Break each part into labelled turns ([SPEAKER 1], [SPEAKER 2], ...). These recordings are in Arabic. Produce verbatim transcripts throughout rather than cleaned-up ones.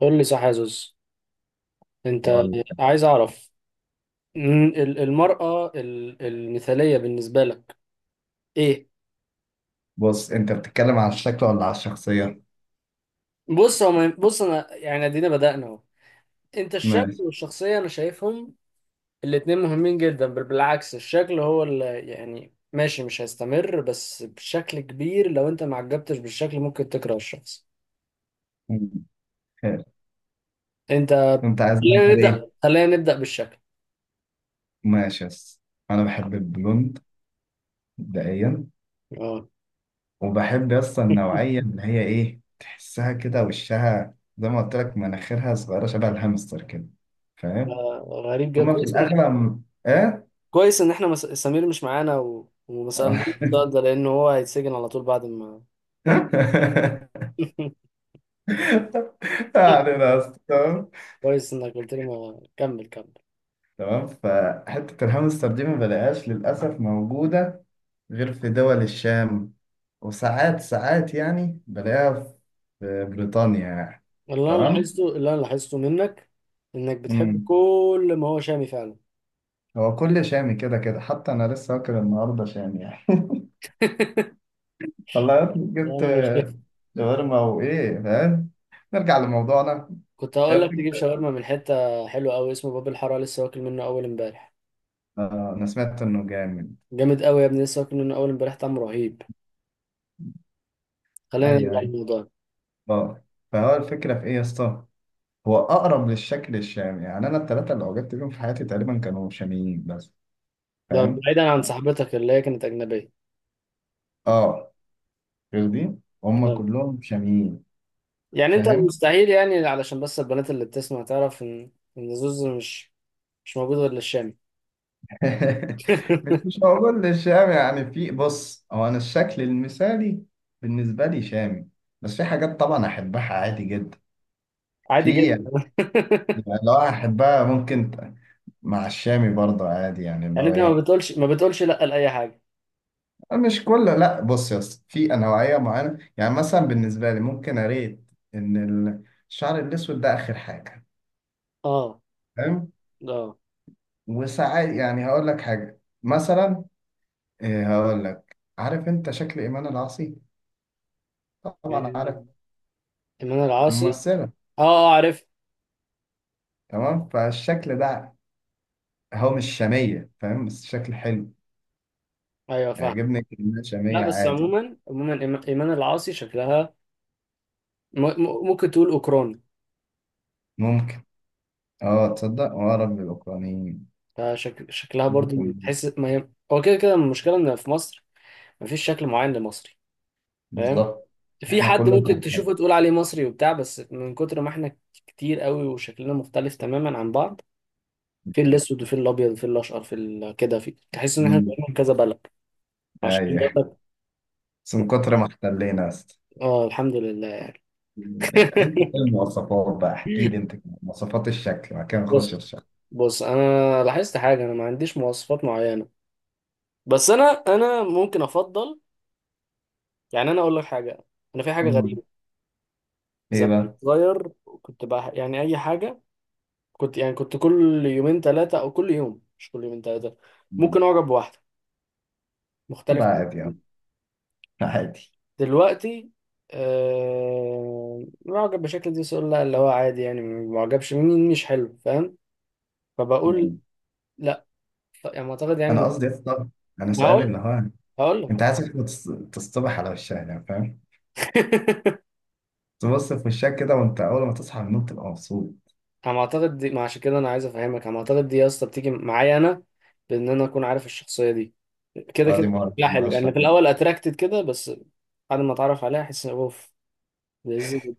[SPEAKER 1] قول لي صح يا زوز. انت
[SPEAKER 2] أقول لك.
[SPEAKER 1] عايز اعرف م- ال- المرأة ال- المثالية بالنسبة لك ايه؟
[SPEAKER 2] بص، انت بتتكلم على الشكل ولا على الشخصية؟
[SPEAKER 1] بص هو ما- بص انا يعني ادينا بدأنا اهو. انت الشكل
[SPEAKER 2] ماشي.
[SPEAKER 1] والشخصية انا شايفهم الاتنين مهمين جدا، بل بالعكس، الشكل هو اللي يعني ماشي مش هيستمر، بس بشكل كبير لو انت ما عجبتش بالشكل ممكن تكره الشخص.
[SPEAKER 2] مم. خير،
[SPEAKER 1] انت
[SPEAKER 2] انت عايز
[SPEAKER 1] خلينا
[SPEAKER 2] نعمل ايه؟
[SPEAKER 1] نبدأ خلينا نبدأ بالشكل.
[SPEAKER 2] ماشي يس، انا بحب البلوند مبدئيا.
[SPEAKER 1] اه.
[SPEAKER 2] وبحب يس النوعية اللي هي ايه، تحسها كده وشها زي ما قلت لك، مناخيرها صغيرة شبه الهامستر كده. فاهم؟
[SPEAKER 1] آه، غريب جدا،
[SPEAKER 2] هما في
[SPEAKER 1] كويس.
[SPEAKER 2] الأغلب ايه؟
[SPEAKER 1] كويس ان احنا مس... سمير مش معانا و... وما سألناش السؤال ده، لان هو هيتسجن على طول بعد ما.
[SPEAKER 2] يعني بس تمام.
[SPEAKER 1] كويس انك قلت لي، ما كمل كمل.
[SPEAKER 2] تمام، فحتة الهامستر دي ما بلاقيهاش للأسف موجودة غير في دول الشام. وساعات ساعات يعني بلاقيها في بريطانيا يعني.
[SPEAKER 1] اللي انا
[SPEAKER 2] تمام.
[SPEAKER 1] لاحظته اللي انا لاحظته منك انك بتحب
[SPEAKER 2] امم
[SPEAKER 1] كل ما هو شامي فعلا.
[SPEAKER 2] هو كل شامي كده كده، حتى انا لسه واكل النهارده شامي يعني. والله يا ابني
[SPEAKER 1] يعني
[SPEAKER 2] جبت
[SPEAKER 1] انا مش كده.
[SPEAKER 2] شاورما وايه، فاهم. نرجع لموضوعنا.
[SPEAKER 1] كنت
[SPEAKER 2] إيه
[SPEAKER 1] هقول لك تجيب
[SPEAKER 2] الفكرة؟
[SPEAKER 1] شاورما من حته حلوه قوي اسمه باب الحاره، لسه واكل منه اول امبارح.
[SPEAKER 2] آه، انا سمعت انه جامد.
[SPEAKER 1] جامد قوي يا ابني، لسه واكل منه اول امبارح، طعمه رهيب. خلينا نرجع
[SPEAKER 2] ايوه ايوه،
[SPEAKER 1] للموضوع.
[SPEAKER 2] اه. فهو الفكره في ايه يا اسطى؟ هو اقرب للشكل الشامي. يعني انا الثلاثه اللي وجدت بيهم في حياتي تقريبا كانوا شاميين بس،
[SPEAKER 1] ده
[SPEAKER 2] فاهم.
[SPEAKER 1] بعيدا عن صاحبتك اللي هي كانت اجنبيه.
[SPEAKER 2] اه، فاهمين هم كلهم شاميين.
[SPEAKER 1] يعني انت
[SPEAKER 2] فاهم.
[SPEAKER 1] مستحيل، يعني علشان بس البنات اللي بتسمع تعرف ان ان زوز مش مش موجود غير للشام.
[SPEAKER 2] مش مش هقول الشام يعني. في بص، هو انا الشكل المثالي بالنسبه لي شامي، بس في حاجات طبعا احبها عادي جدا. في
[SPEAKER 1] عادي جدا.
[SPEAKER 2] يعني، يعني لو احبها ممكن ت- مع الشامي برضه عادي يعني اللي
[SPEAKER 1] يعني
[SPEAKER 2] هو
[SPEAKER 1] انت ما
[SPEAKER 2] ايه.
[SPEAKER 1] بتقولش ما بتقولش لا لاي حاجه.
[SPEAKER 2] مش كله، لا. بص يا اسطى، في نوعيه معينه، يعني مثلا بالنسبه لي ممكن اريد ان ال- الشعر الاسود ده اخر حاجه،
[SPEAKER 1] اه
[SPEAKER 2] فاهم.
[SPEAKER 1] اه،
[SPEAKER 2] وساعات يعني هقول لك حاجه، مثلا إيه. هقول لك، عارف انت شكل ايمان العاصي؟ طبعا عارف.
[SPEAKER 1] إيمان إيمان العاصي.
[SPEAKER 2] ممثله.
[SPEAKER 1] اه اه عارف.
[SPEAKER 2] تمام. فالشكل ده هو مش شاميه، فاهم، بس شكل حلو
[SPEAKER 1] ايوه فاهم.
[SPEAKER 2] يعجبني. كلمه
[SPEAKER 1] لا
[SPEAKER 2] شاميه
[SPEAKER 1] بس
[SPEAKER 2] عادي.
[SPEAKER 1] عموما عموما إيم- إيمان العاصي شكلها م- م- ممكن تقول أوكراني.
[SPEAKER 2] ممكن. اه، تصدق، اه رب الاوكرانيين.
[SPEAKER 1] فشك... شكلها برضو،
[SPEAKER 2] ممكن.
[SPEAKER 1] تحس ما هي هو كده كده، المشكلة إن في مصر مفيش شكل معين لمصري، فاهم؟
[SPEAKER 2] بالظبط.
[SPEAKER 1] في
[SPEAKER 2] احنا
[SPEAKER 1] حد
[SPEAKER 2] كلنا
[SPEAKER 1] ممكن
[SPEAKER 2] كهرباء.
[SPEAKER 1] تشوفه تقول عليه مصري وبتاع، بس من كتر ما احنا كتير قوي وشكلنا مختلف تماما عن بعض. في
[SPEAKER 2] مش عارف.
[SPEAKER 1] الاسود وفي الابيض وفي الاشقر، في ال- كده، في تحس ان احنا
[SPEAKER 2] مم.
[SPEAKER 1] بقينا من كذا بلد. عشان كده
[SPEAKER 2] ايوه،
[SPEAKER 1] بقول
[SPEAKER 2] بس من
[SPEAKER 1] لك.
[SPEAKER 2] كتر ما احتلينا يا اسطى.
[SPEAKER 1] اه، الحمد لله.
[SPEAKER 2] انت ايه المواصفات بقى؟ احكي لي انت كده مواصفات الشكل، بعد كده نخش في
[SPEAKER 1] بص
[SPEAKER 2] الشكل.
[SPEAKER 1] بص، انا لاحظت حاجه، انا ما عنديش مواصفات معينه. بس انا انا ممكن افضل، يعني انا اقول لك حاجه. انا في حاجه
[SPEAKER 2] مم.
[SPEAKER 1] غريبه.
[SPEAKER 2] ايه
[SPEAKER 1] زمان كنت
[SPEAKER 2] بقى؟
[SPEAKER 1] صغير، كنت بقى يعني اي حاجه، كنت يعني كنت كل يومين ثلاثه، او كل يوم، مش كل يومين ثلاثه،
[SPEAKER 2] مم.
[SPEAKER 1] ممكن اعجب بواحده
[SPEAKER 2] ده
[SPEAKER 1] مختلف عن
[SPEAKER 2] عادي، اه.
[SPEAKER 1] الجديد.
[SPEAKER 2] عادي.
[SPEAKER 1] دلوقتي آه معجب بشكل دي سؤال، لا اللي هو عادي يعني، معجبش مني، مش حلو فاهم، فبقول لا، ف- يعني معتقد
[SPEAKER 2] انا
[SPEAKER 1] يعني.
[SPEAKER 2] قصدي يا اسطى، انا سؤالي
[SPEAKER 1] هقول
[SPEAKER 2] اللي هو:
[SPEAKER 1] هقول لك.
[SPEAKER 2] انت عايز واحدة تص- تصطبح على وشها يعني، فاهم؟ تبص في وشها كده وانت اول ما تصحى من النوم تبقى مبسوط.
[SPEAKER 1] انا معتقد دي، ما عشان كده انا عايز افهمك، انا معتقد دي يا اسطى بتيجي معايا انا، بان انا اكون عارف الشخصيه دي كده
[SPEAKER 2] اه، دي
[SPEAKER 1] كده،
[SPEAKER 2] ما أعرف-
[SPEAKER 1] لا
[SPEAKER 2] ما
[SPEAKER 1] حلو
[SPEAKER 2] اعرفش
[SPEAKER 1] يعني في
[SPEAKER 2] أعمل.
[SPEAKER 1] الاول اتراكتد كده، بس بعد ما اتعرف عليها احس اوف، لذيذ جدا.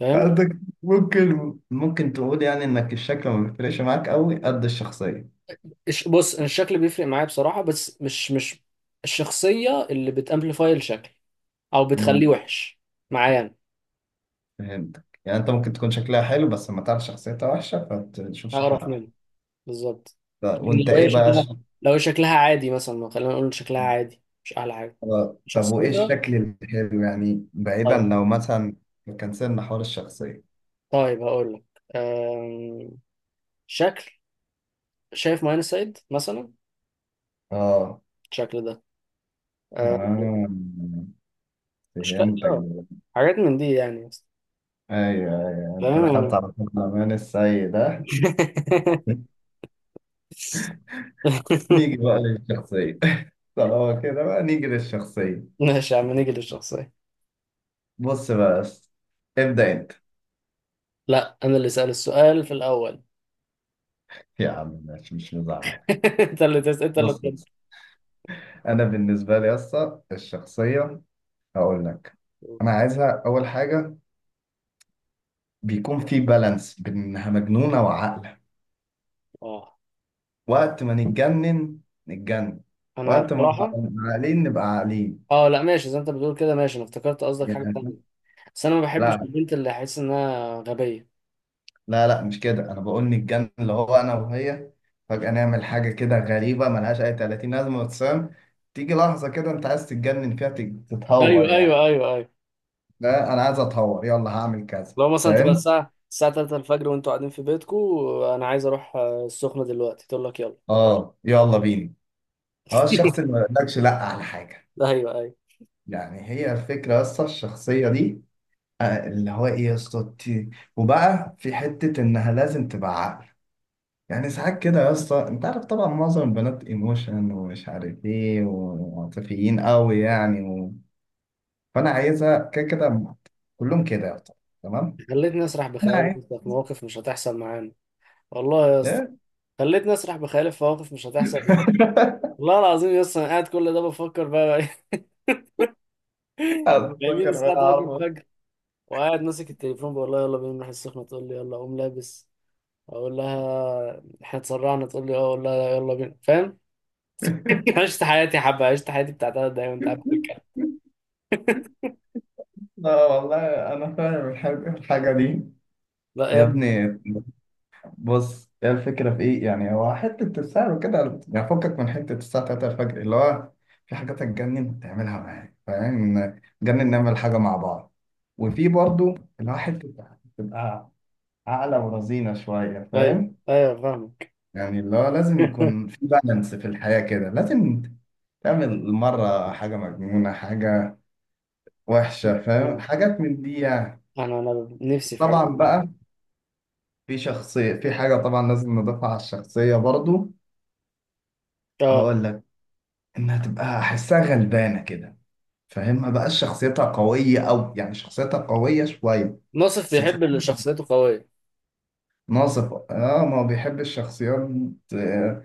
[SPEAKER 1] فاهم؟
[SPEAKER 2] قصدك ممكن ممكن تقول يعني انك الشكل ما بيفرقش معاك قوي قد الشخصيه.
[SPEAKER 1] الش- بص أنا الشكل بيفرق معايا بصراحة، بس مش مش الشخصية اللي بتامبليفاي الشكل او
[SPEAKER 2] امم
[SPEAKER 1] بتخليه وحش معايا،
[SPEAKER 2] فهمتك. يعني انت ممكن تكون شكلها حلو بس لما تعرف شخصيتها وحشه فتشوف
[SPEAKER 1] انا
[SPEAKER 2] شكلها
[SPEAKER 1] هقرف
[SPEAKER 2] وحش.
[SPEAKER 1] منه، بالظبط.
[SPEAKER 2] ف-
[SPEAKER 1] لكن
[SPEAKER 2] وانت
[SPEAKER 1] لو هي
[SPEAKER 2] ايه بقى
[SPEAKER 1] شكلها
[SPEAKER 2] الشكل-
[SPEAKER 1] لو هي شكلها عادي مثلا، خلينا نقول شكلها عادي مش احلى حاجة،
[SPEAKER 2] آه، طب وايه
[SPEAKER 1] شخصيتها.
[SPEAKER 2] الشكل الحلو يعني؟ بعيدا
[SPEAKER 1] طيب،
[SPEAKER 2] لو مثلا كان سيبنا حوار الشخصيه.
[SPEAKER 1] طيب هقول لك. أم... شكل، شايف ماين سايد مثلا
[SPEAKER 2] اه.
[SPEAKER 1] الشكل ده. أم...
[SPEAKER 2] آه.
[SPEAKER 1] اشكال،
[SPEAKER 2] فهمتك
[SPEAKER 1] آه،
[SPEAKER 2] دلوقتي.
[SPEAKER 1] حاجات من دي يعني.
[SPEAKER 2] ايوه ايوه، انت
[SPEAKER 1] تمام.
[SPEAKER 2] دخلت على طول الامان السيء ده. نيجي بقى للشخصية. طالما كده بقى نيجي للشخصية.
[SPEAKER 1] ماشي يا عم، نيجي للشخصية.
[SPEAKER 2] بص بقى بس، ابدأ انت.
[SPEAKER 1] لا انا اللي سأل السؤال في الاول.
[SPEAKER 2] يا عم ماشي، مش مزعل.
[SPEAKER 1] انت اللي تسأل انت اللي
[SPEAKER 2] بص
[SPEAKER 1] تسأل.
[SPEAKER 2] بص انا بالنسبة لي اصلا الشخصية. هقول لك، انا عايزها اول حاجة بيكون في بالانس بين انها مجنونة وعاقلة.
[SPEAKER 1] اه،
[SPEAKER 2] وقت ما نتجنن نتجنن،
[SPEAKER 1] انا
[SPEAKER 2] وقت ما نبقى
[SPEAKER 1] بصراحه
[SPEAKER 2] عاقلين نبقى عاقلين.
[SPEAKER 1] اه لا، ماشي زي ما انت بتقول كده، ماشي، انا افتكرت قصدك حاجه تانية.
[SPEAKER 2] يعني
[SPEAKER 1] بس انا ما بحبش
[SPEAKER 2] لا
[SPEAKER 1] البنت اللي احس انها غبيه.
[SPEAKER 2] لا لا، مش كده. انا بقول نتجنن اللي هو انا وهي فجأة نعمل حاجة كده غريبة ملهاش اي ثلاثين لازمة وتسام. تيجي لحظة كده انت عايز تتجنن فيها، تت- تتهور
[SPEAKER 1] ايوه
[SPEAKER 2] يعني.
[SPEAKER 1] ايوه ايوه ايوه.
[SPEAKER 2] لا، انا عايز اتهور. يلا هعمل كذا،
[SPEAKER 1] لو مثلا تبقى
[SPEAKER 2] فاهم.
[SPEAKER 1] الساعه الساعه تلاتة الفجر وانتوا قاعدين في بيتكم، انا عايز اروح آه، السخنه دلوقتي، تقول لك يلا.
[SPEAKER 2] اه يلا بينا. اه، الشخص اللي ما يقولكش لا على حاجة.
[SPEAKER 1] ايوه ايوه.
[SPEAKER 2] يعني هي الفكرة بس الشخصية دي، آه، اللي هو ايه يا اسطى، ت- وبقى في حتة انها لازم تبقى عقل. يعني ساعات كده يا اسطى، انت عارف طبعا معظم البنات ايموشن ومش عارف ايه وعاطفيين قوي يعني و... فانا عايزها كده كده. كلهم كده يا اسطى. تمام.
[SPEAKER 1] خلتني اسرح
[SPEAKER 2] انا
[SPEAKER 1] بخيالي
[SPEAKER 2] عايز
[SPEAKER 1] في مواقف مش هتحصل معانا. والله يا اسطى،
[SPEAKER 2] ايه.
[SPEAKER 1] خلتني اسرح بخيالي في مواقف مش هتحصل معانا، والله العظيم يا اسطى، انا قاعد كل ده بفكر بقى. جميل،
[SPEAKER 2] اتذكر
[SPEAKER 1] الساعة
[SPEAKER 2] انا
[SPEAKER 1] تلاتة
[SPEAKER 2] عارفه.
[SPEAKER 1] الفجر وقاعد ماسك التليفون بقول لها يلا بينا نروح السخنة، تقول لي يلا أقوم لابس، أقول لها إحنا اتسرعنا، تقول لي أه، أقول لها يلا بينا، فاهم؟ عشت حياتي حبة، عشت حياتي بتاع تلات دقايق وأنت قاعد بتتكلم.
[SPEAKER 2] لا والله، انا فاهم الحاجه الحاجة دي
[SPEAKER 1] لا يا
[SPEAKER 2] يا
[SPEAKER 1] ابني.
[SPEAKER 2] ابني. بص، هي الفكرة في إيه؟ يعني هو حتة السعر وكده يعني، فكك من حتة الساعة الثالثة الفجر اللي هو في حاجات هتجنن تعملها معايا، فاهم؟ نجنن نعمل حاجة مع بعض. وفي برضو اللي هو حتة تبقى عاقلة ورزينة شوية،
[SPEAKER 1] طيب
[SPEAKER 2] فاهم؟
[SPEAKER 1] أيوه فاهمك.
[SPEAKER 2] يعني اللي هو لازم يكون في بالانس في الحياة كده. لازم تعمل مرة حاجة مجنونة، حاجة وحشة، فاهم، حاجات من دي يعني.
[SPEAKER 1] أنا أنا نفسي في حاجة
[SPEAKER 2] طبعا
[SPEAKER 1] زي دي.
[SPEAKER 2] بقى، في شخصية، في حاجة طبعا لازم نضيفها على الشخصية برضو.
[SPEAKER 1] أه.
[SPEAKER 2] هقول لك، انها تبقى احسها غلبانه كده، فاهم، ما بقاش شخصيتها قويه، او يعني شخصيتها قويه شويه
[SPEAKER 1] ناصف
[SPEAKER 2] بس تحس.
[SPEAKER 1] بيحب اللي شخصيته قوية.
[SPEAKER 2] ناصفه اه، ما بيحب الشخصيات، آه،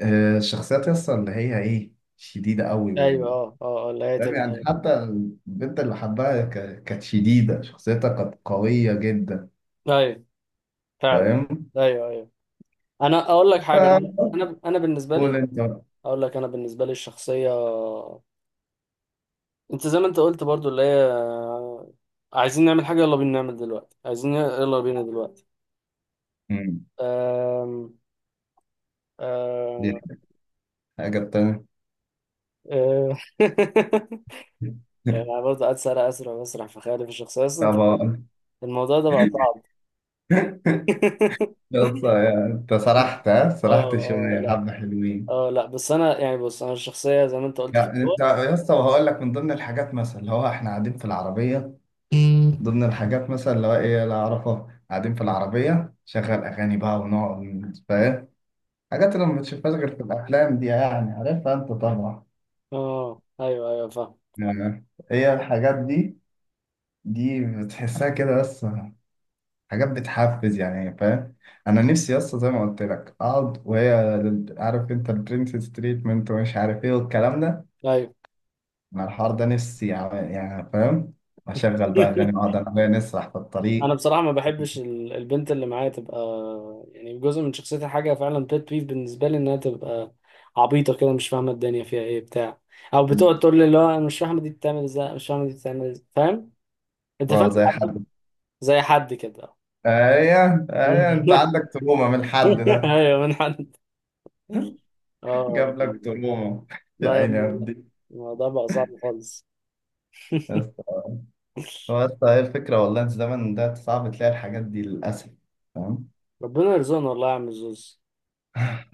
[SPEAKER 2] آه الشخصيات يسطا اللي هي ايه، شديده قوي
[SPEAKER 1] أيوه
[SPEAKER 2] و...
[SPEAKER 1] أه أه آه، اللي هي
[SPEAKER 2] فاهم
[SPEAKER 1] تبقى،
[SPEAKER 2] يعني.
[SPEAKER 1] أيوه.
[SPEAKER 2] حتى البنت اللي حبها ك- كانت شديده، شخصيتها كانت قويه جدا،
[SPEAKER 1] طيب، فعلا.
[SPEAKER 2] فاهم.
[SPEAKER 1] أيوه أيوه. أنا أقول لك حاجة. أنا
[SPEAKER 2] فقول
[SPEAKER 1] أنا بالنسبة لي
[SPEAKER 2] انت بقى.
[SPEAKER 1] أقول لك، أنا بالنسبة لي الشخصية، انت زي ما انت قلت برضو اللي هي عايزين نعمل حاجة يلا بينا نعمل دلوقتي، عايزين يلا بينا دلوقتي.
[SPEAKER 2] مم.
[SPEAKER 1] أم...
[SPEAKER 2] دي
[SPEAKER 1] أم...
[SPEAKER 2] الحاجه التانيه.
[SPEAKER 1] أم... يعني برضه قاعد سارع أسرع وأسرع في خيالي في الشخصية أصلا أنت.
[SPEAKER 2] طبعا.
[SPEAKER 1] الموضوع ده بقى صعب.
[SPEAKER 2] يسطا يعني انت سرحت ها
[SPEAKER 1] اه
[SPEAKER 2] سرحت
[SPEAKER 1] اه
[SPEAKER 2] شويه
[SPEAKER 1] لا،
[SPEAKER 2] حبه حلوين.
[SPEAKER 1] اه لا، بس أنا يعني بص أنا الشخصية زي ما أنت قلت في
[SPEAKER 2] يعني
[SPEAKER 1] الأول.
[SPEAKER 2] انت يا اسطى، وهقول لك من ضمن الحاجات مثلا اللي هو احنا قاعدين في العربيه، ضمن الحاجات مثلا اللي هو ايه لا اعرفها، قاعدين في العربيه شغل اغاني بقى ونقعد، فاهم، حاجات اللي ما بتشوفهاش غير في الافلام دي يعني، عارفها انت طبعا.
[SPEAKER 1] اه أيوه أيوه فاهم،
[SPEAKER 2] يعني هي الحاجات دي دي بتحسها كده بس، حاجات بتحفز يعني، فاهم. انا نفسي يا اسطى زي ما قلت لك اقعد وهي، عارف انت البرنسس تريتمنت ومش عارف ايه والكلام ده.
[SPEAKER 1] أيوه.
[SPEAKER 2] انا الحوار ده نفسي يعني يعني فاهم. اشغل بقى اغاني واقعد انا وهي نسرح في
[SPEAKER 1] انا
[SPEAKER 2] الطريق.
[SPEAKER 1] بصراحه ما بحبش ال- البنت اللي معايا تبقى، يعني جزء من شخصيتها حاجه فعلا بيت بيف بالنسبه لي، انها تبقى عبيطه كده، مش فاهمه الدنيا فيها ايه بتاع، او بتقعد تقول لي اللي هو انا مش فاهمه دي بتعمل ازاي، مش فاهمه دي بتعمل ازاي، فاهم؟ انت فاهم؟
[SPEAKER 2] اه زي
[SPEAKER 1] حد-
[SPEAKER 2] حد.
[SPEAKER 1] زي حد كده.
[SPEAKER 2] ايوه ايوه، انت عندك تروما من الحد ده.
[SPEAKER 1] ايوه من حد. اه
[SPEAKER 2] جاب لك تروما. يا
[SPEAKER 1] لا يا
[SPEAKER 2] عيني يا
[SPEAKER 1] ابني لا.
[SPEAKER 2] ابني.
[SPEAKER 1] الموضوع بقى صعب خالص.
[SPEAKER 2] بس هو بس هي الفكره والله، في الزمن ده صعب تلاقي الحاجات دي للاسف، فاهم.
[SPEAKER 1] ربنا يرزقنا والله يا عم الزوز،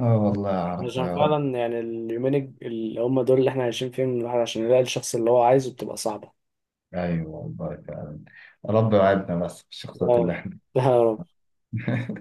[SPEAKER 2] اه والله اعرف،
[SPEAKER 1] عشان
[SPEAKER 2] يا رب.
[SPEAKER 1] فعلا يعني اليومين الج- اللي هم دول اللي احنا عايشين فيهم، الواحد عشان يلاقي الشخص اللي هو عايزه بتبقى صعبة.
[SPEAKER 2] ايوه والله فعلا. رب يوعدنا بس
[SPEAKER 1] يا
[SPEAKER 2] بالشخصيات اللي
[SPEAKER 1] رب
[SPEAKER 2] احنا.
[SPEAKER 1] يا رب.